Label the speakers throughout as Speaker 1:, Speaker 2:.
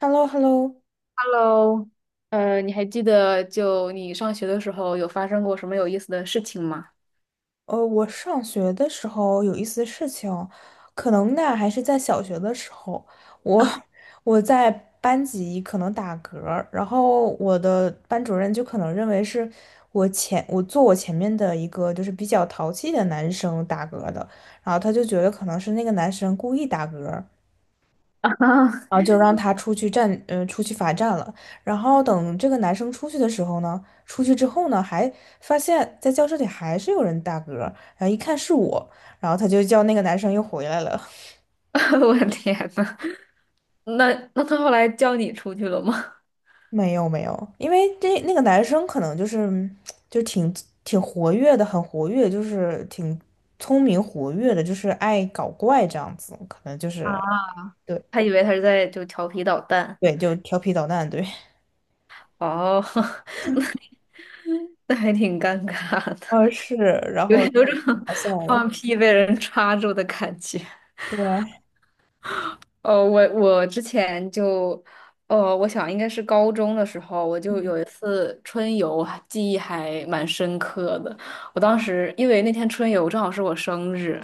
Speaker 1: h e l l o h e l l o
Speaker 2: Hello，你还记得就你上学的时候有发生过什么有意思的事情吗？
Speaker 1: 我上学的时候有一些事情，可能呢还是在小学的时候，我 我在班级可能打嗝儿，然后我的班主任就可能认为是我前面的一个就是比较淘气的男生打嗝的，然后他就觉得可能是那个男生故意打嗝，
Speaker 2: 啊
Speaker 1: 然后就让他出去站，出去罚站了。然后等这个男生出去的时候呢，出去之后呢，还发现在教室里还是有人打嗝，然后一看是我，然后他就叫那个男生又回来了。
Speaker 2: 我的天呐，那他后来叫你出去了吗？
Speaker 1: 没有没有，因为这那个男生可能就是嗯就挺活跃的，很活跃，就是挺聪明活跃的，就是爱搞怪这样子，可能就是
Speaker 2: 啊，
Speaker 1: 对
Speaker 2: 他以为他是在就调皮捣蛋。
Speaker 1: 对，就调皮捣蛋，对，
Speaker 2: 哦，那还挺尴尬的，
Speaker 1: 是，然
Speaker 2: 有
Speaker 1: 后挺
Speaker 2: 有种
Speaker 1: 好笑
Speaker 2: 放
Speaker 1: 的，
Speaker 2: 屁被人抓住的感觉。
Speaker 1: 对，
Speaker 2: 哦，我之前就，我想应该是高中的时候，我就有一次春游，记忆还蛮深刻的。我当时因为那天春游正好是我生日，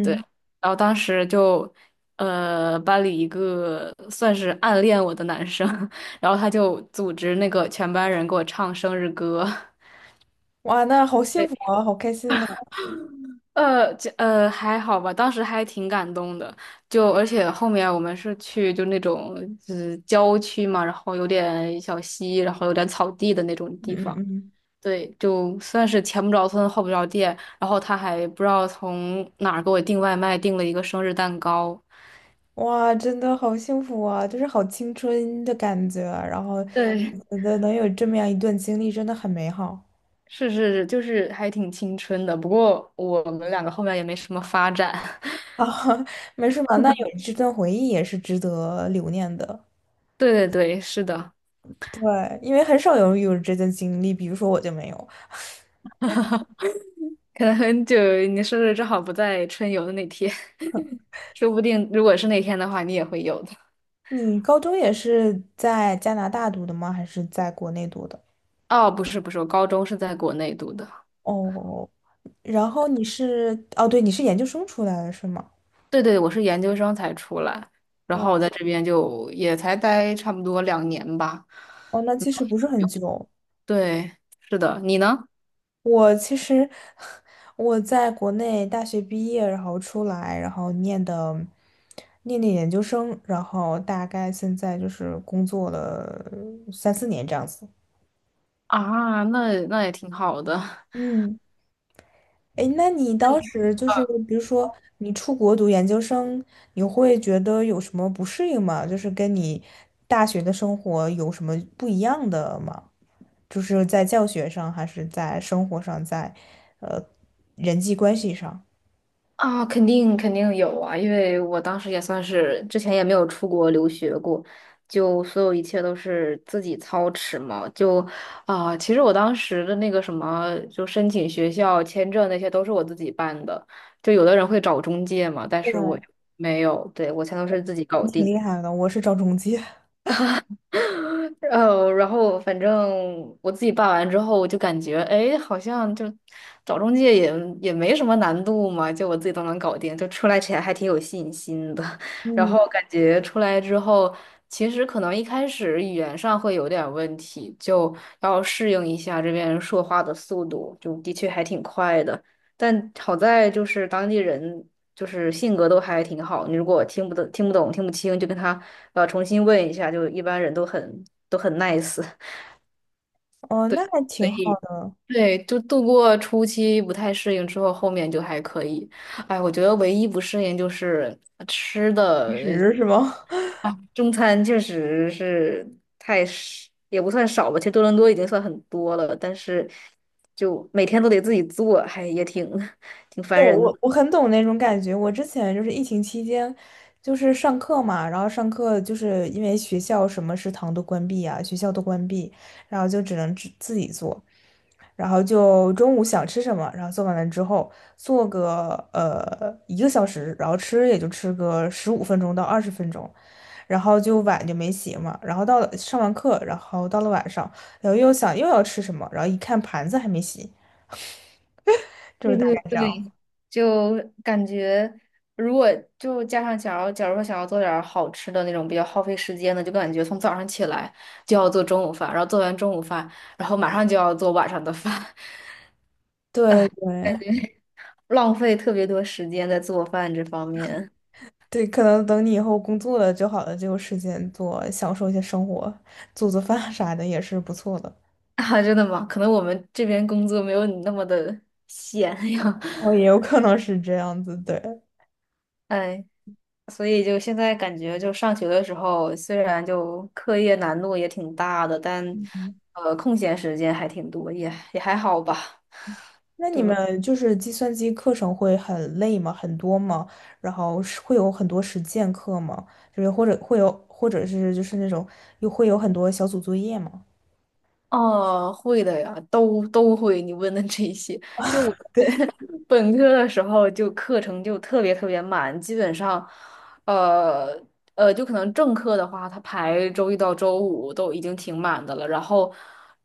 Speaker 2: 对，然后当时就，班里一个算是暗恋我的男生，然后他就组织那个全班人给我唱生日歌。
Speaker 1: 哇，那好幸福 啊，好开心呢、
Speaker 2: 就还好吧，当时还挺感动的。就而且后面我们是去就那种就是郊区嘛，然后有点小溪，然后有点草地的那种
Speaker 1: 嗯
Speaker 2: 地方。
Speaker 1: 嗯嗯，
Speaker 2: 对，就算是前不着村后不着店，然后他还不知道从哪儿给我订外卖，订了一个生日蛋糕。
Speaker 1: 哇，真的好幸福啊，就是好青春的感觉啊。然后我
Speaker 2: 对
Speaker 1: 觉得能有这么样一段经历，真的很美好
Speaker 2: 是是是，就是还挺青春的。不过我们两个后面也没什么发展。
Speaker 1: 啊。没事嘛，那有这段回忆也是值得留念的。
Speaker 2: 对对对，是的，
Speaker 1: 对，因为很少有这段经历，比如说我就没有。
Speaker 2: 可能很久你生日正好不在春游的那天。说不定如果是那天的话，你也会有的。
Speaker 1: 你高中也是在加拿大读的吗？还是在国内读的？
Speaker 2: 哦，不是不是，我高中是在国内读的，
Speaker 1: 哦，然后你是，哦，对，你是研究生出来的是吗？
Speaker 2: 对对，我是研究生才出来，然后我在这边就也才待差不多两年吧。
Speaker 1: 哦，那
Speaker 2: 嗯
Speaker 1: 其实不是很久。
Speaker 2: 对，是的，你呢？
Speaker 1: 我其实 我在国内大学毕业，然后出来，然后念的研究生，然后大概现在就是工作了3、4年这样子。
Speaker 2: 啊，那那也挺好的。
Speaker 1: 嗯，哎，那你当时就是，比如说你出国读研究生，你会觉得有什么不适应吗？就是跟你大学的生活有什么不一样的吗？就是在教学上，还是在生活上，在呃人际关系上？
Speaker 2: 啊，肯定肯定有啊，因为我当时也算是之前也没有出国留学过，就所有一切都是自己操持嘛。就啊，其实我当时的那个什么，就申请学校、签证那些都是我自己办的。就有的人会找中介嘛，但是我
Speaker 1: 对
Speaker 2: 没有，对，我全都是自己搞
Speaker 1: 挺
Speaker 2: 定。
Speaker 1: 厉害的，我是找中介。
Speaker 2: 然后反正我自己办完之后，我就感觉，哎，好像就找中介也没什么难度嘛，就我自己都能搞定，就出来前还挺有信心的。然
Speaker 1: 嗯，
Speaker 2: 后感觉出来之后，其实可能一开始语言上会有点问题，就要适应一下这边说话的速度，就的确还挺快的。但好在就是当地人就是性格都还挺好，你如果听不懂、听不懂、听不清，就跟他重新问一下，就一般人都很 nice。
Speaker 1: 哦，
Speaker 2: 对，
Speaker 1: 那还
Speaker 2: 所
Speaker 1: 挺好，
Speaker 2: 以对，就度过初期不太适应之后，后面就还可以。哎，我觉得唯一不适应就是吃
Speaker 1: 其
Speaker 2: 的
Speaker 1: 实，是吗？
Speaker 2: 啊，中餐确实是太少，也不算少吧，其实多伦多已经算很多了，但是就每天都得自己做，还也挺 挺烦
Speaker 1: 对，
Speaker 2: 人
Speaker 1: 我我很懂那种感觉。我之前就是疫情期间，就是上课嘛，然后上课就是因为学校什么食堂都关闭啊，学校都关闭，然后就只能自己做，然后就中午想吃什么，然后做完了之后做个1个小时，然后吃也就吃个15分钟到20分钟，然后就碗就没洗嘛，然后到了上完课，然后到了晚上，然后又想又要吃什么，然后一看盘子还没洗，就是
Speaker 2: 对
Speaker 1: 大
Speaker 2: 对
Speaker 1: 概这样。
Speaker 2: 对，就感觉如果就加上假如说想要做点儿好吃的那种比较耗费时间的，就感觉从早上起来就要做中午饭，然后做完中午饭，然后马上就要做晚上的饭，
Speaker 1: 对
Speaker 2: 哎，
Speaker 1: 对
Speaker 2: 浪费特别多时间在做饭这方面
Speaker 1: 对，可能等你以后工作了就好了，就有时间做，享受一些生活，做做饭啥的也是不错的。
Speaker 2: 啊，真的吗？可能我们这边工作没有你那么的闲呀，
Speaker 1: 哦，也有可能是这样子，对。
Speaker 2: 哎，所以就现在感觉，就上学的时候，虽然就课业难度也挺大的，但
Speaker 1: 嗯，
Speaker 2: 空闲时间还挺多，也也还好吧。
Speaker 1: 那你
Speaker 2: 对吗？
Speaker 1: 们就是计算机课程会很累吗？很多吗？然后是会有很多实践课吗？就是或者会有，或者是就是那种又会有很多小组作业吗？
Speaker 2: 哦，会的呀，都都会。你问的这些，就我
Speaker 1: 对。
Speaker 2: 本科的时候就课程就特别特别满，基本上，呃就可能正课的话，它排周一到周五都已经挺满的了，然后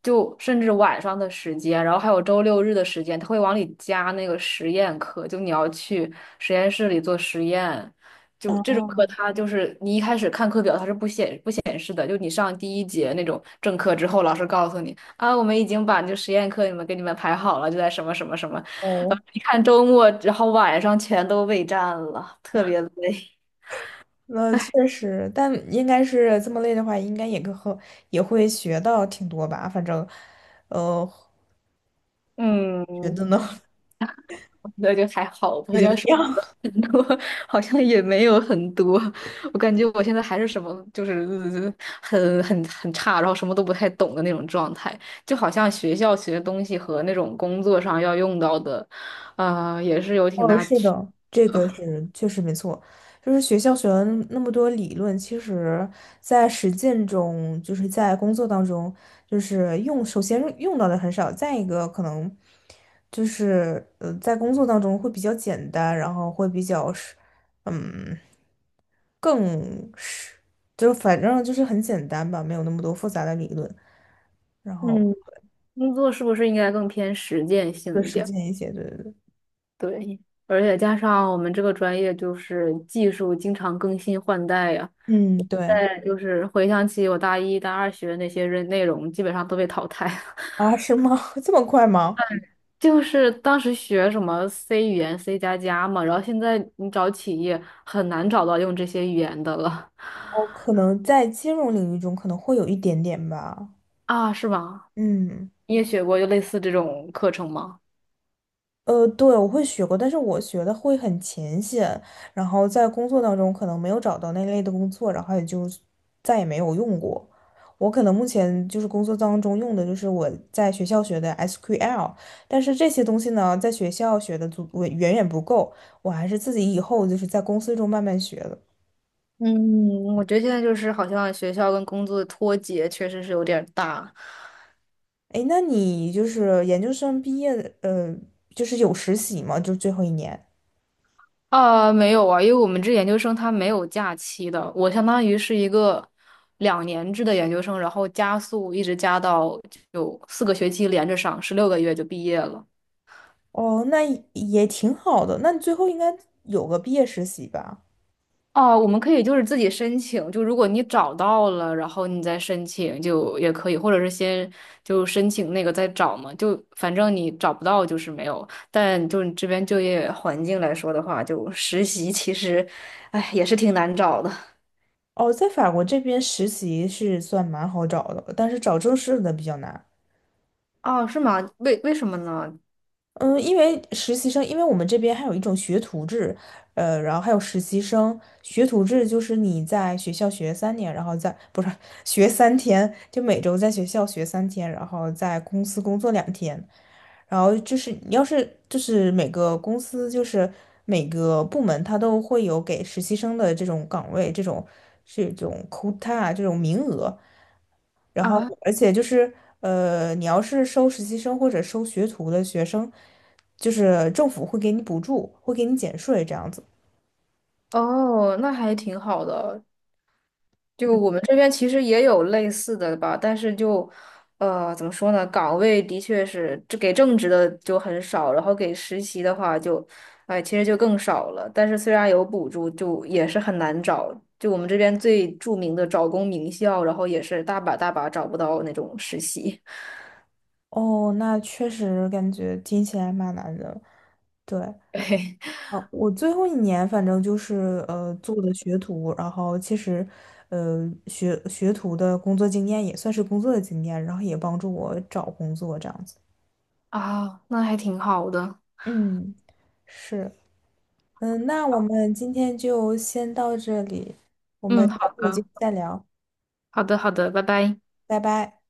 Speaker 2: 就甚至晚上的时间，然后还有周六日的时间，他会往里加那个实验课，就你要去实验室里做实验，就这种课
Speaker 1: 哦
Speaker 2: 它就是你一开始看课表它是不显示的，就你上第一节那种正课之后，老师告诉你啊，我们已经把就实验课你们给你们排好了，就在什么什么什么。
Speaker 1: 哦，
Speaker 2: 看周末，然后晚上全都备战了，特别累。
Speaker 1: 那确实，但应该是这么累的话，应该也跟和也会学到挺多吧。反正，呃，觉
Speaker 2: 嗯，
Speaker 1: 得呢
Speaker 2: 那就还好
Speaker 1: 也
Speaker 2: 吧。
Speaker 1: 就那
Speaker 2: 要是
Speaker 1: 样。
Speaker 2: 很多，好像也没有很多。我感觉我现在还是什么，就是很差，然后什么都不太懂的那种状态。就好像学校学的东西和那种工作上要用到的，也是有 挺
Speaker 1: 哦，
Speaker 2: 大
Speaker 1: 是
Speaker 2: 区。
Speaker 1: 的，这个是确实没错。就是学校学了那么多理论，其实在实践中，就是在工作当中，就是用首先用到的很少，再一个可能就是在工作当中会比较简单，然后会比较是。嗯。更是，就反正就是很简单吧，没有那么多复杂的理论。然后，
Speaker 2: 嗯，工作是不是应该更偏实践性一点儿？对，而且加上我们这个专业就是技术经常更新换代呀，
Speaker 1: 嗯，对，
Speaker 2: 再就是回想起我大一、大二学的那些任内容，基本上都被淘汰了。
Speaker 1: 啊，是吗？这么快吗？
Speaker 2: 就是当时学什么 C 语言、C 加加嘛，然后现在你找企业很难找到用这些语言的了
Speaker 1: 哦，可能在金融领域中可能会有一点点吧。
Speaker 2: 啊，是吧？
Speaker 1: 嗯。
Speaker 2: 你也学过就类似这种课程吗？
Speaker 1: 对，我会学过，但是我学的会很浅显，然后在工作当中可能没有找到那类的工作，然后也就再也没有用过。我可能目前就是工作当中用的就是我在学校学的 SQL，但是这些东西呢，在学校学的足我远远不够，我还是自己以后就是在公司中慢慢学的。
Speaker 2: 嗯，我觉得现在就是好像学校跟工作的脱节确实是有点儿大。
Speaker 1: 诶，那你就是研究生毕业的，就是有实习吗？就最后一年？
Speaker 2: 啊，没有啊，因为我们这研究生他没有假期的，我相当于是一个两年制的研究生，然后加速一直加到有4个学期连着上，16个月就毕业了。
Speaker 1: 哦，那也也挺好的，那你最后应该有个毕业实习吧？
Speaker 2: 哦，我们可以就是自己申请，就如果你找到了，然后你再申请就也可以，或者是先就申请那个再找嘛，就反正你找不到就是没有。但就你这边就业环境来说的话，就实习其实，哎，也是挺难找的。
Speaker 1: 哦，在法国这边实习是算蛮好找的，但是找正式的比较难。
Speaker 2: 哦，是吗？为什么呢？
Speaker 1: 嗯，因为实习生，因为我们这边还有一种学徒制，然后还有实习生。学徒制就是你在学校学3年，然后在，不是，学三天，就每周在学校学三天，然后在公司工作2天。然后就是你要是就是每个公司就是每个部门它都会有给实习生的这种岗位，这种 quota 这种名额。然后，
Speaker 2: 啊，
Speaker 1: 而且就是，你要是收实习生或者收学徒的学生，就是政府会给你补助，会给你减税这样子。
Speaker 2: 哦，那还挺好的。就我们这边其实也有类似的吧，但是就，怎么说呢？岗位的确是，这给正职的就很少，然后给实习的话就，哎，其实就更少了。但是虽然有补助，就也是很难找。就我们这边最著名的招工名校，然后也是大把大把找不到那种实习。
Speaker 1: 哦，那确实感觉听起来蛮难的。对，
Speaker 2: 对，
Speaker 1: 啊，我最后一年反正就是做的学徒，然后其实，学学徒的工作经验也算是工作的经验，然后也帮助我找工作这样子。
Speaker 2: 啊，那还挺好的。
Speaker 1: 嗯，是。嗯，那我们今天就先到这里，我们
Speaker 2: 嗯，
Speaker 1: 下
Speaker 2: 好
Speaker 1: 次有机
Speaker 2: 的，
Speaker 1: 会再聊，
Speaker 2: 好的，好的，拜拜。
Speaker 1: 拜拜。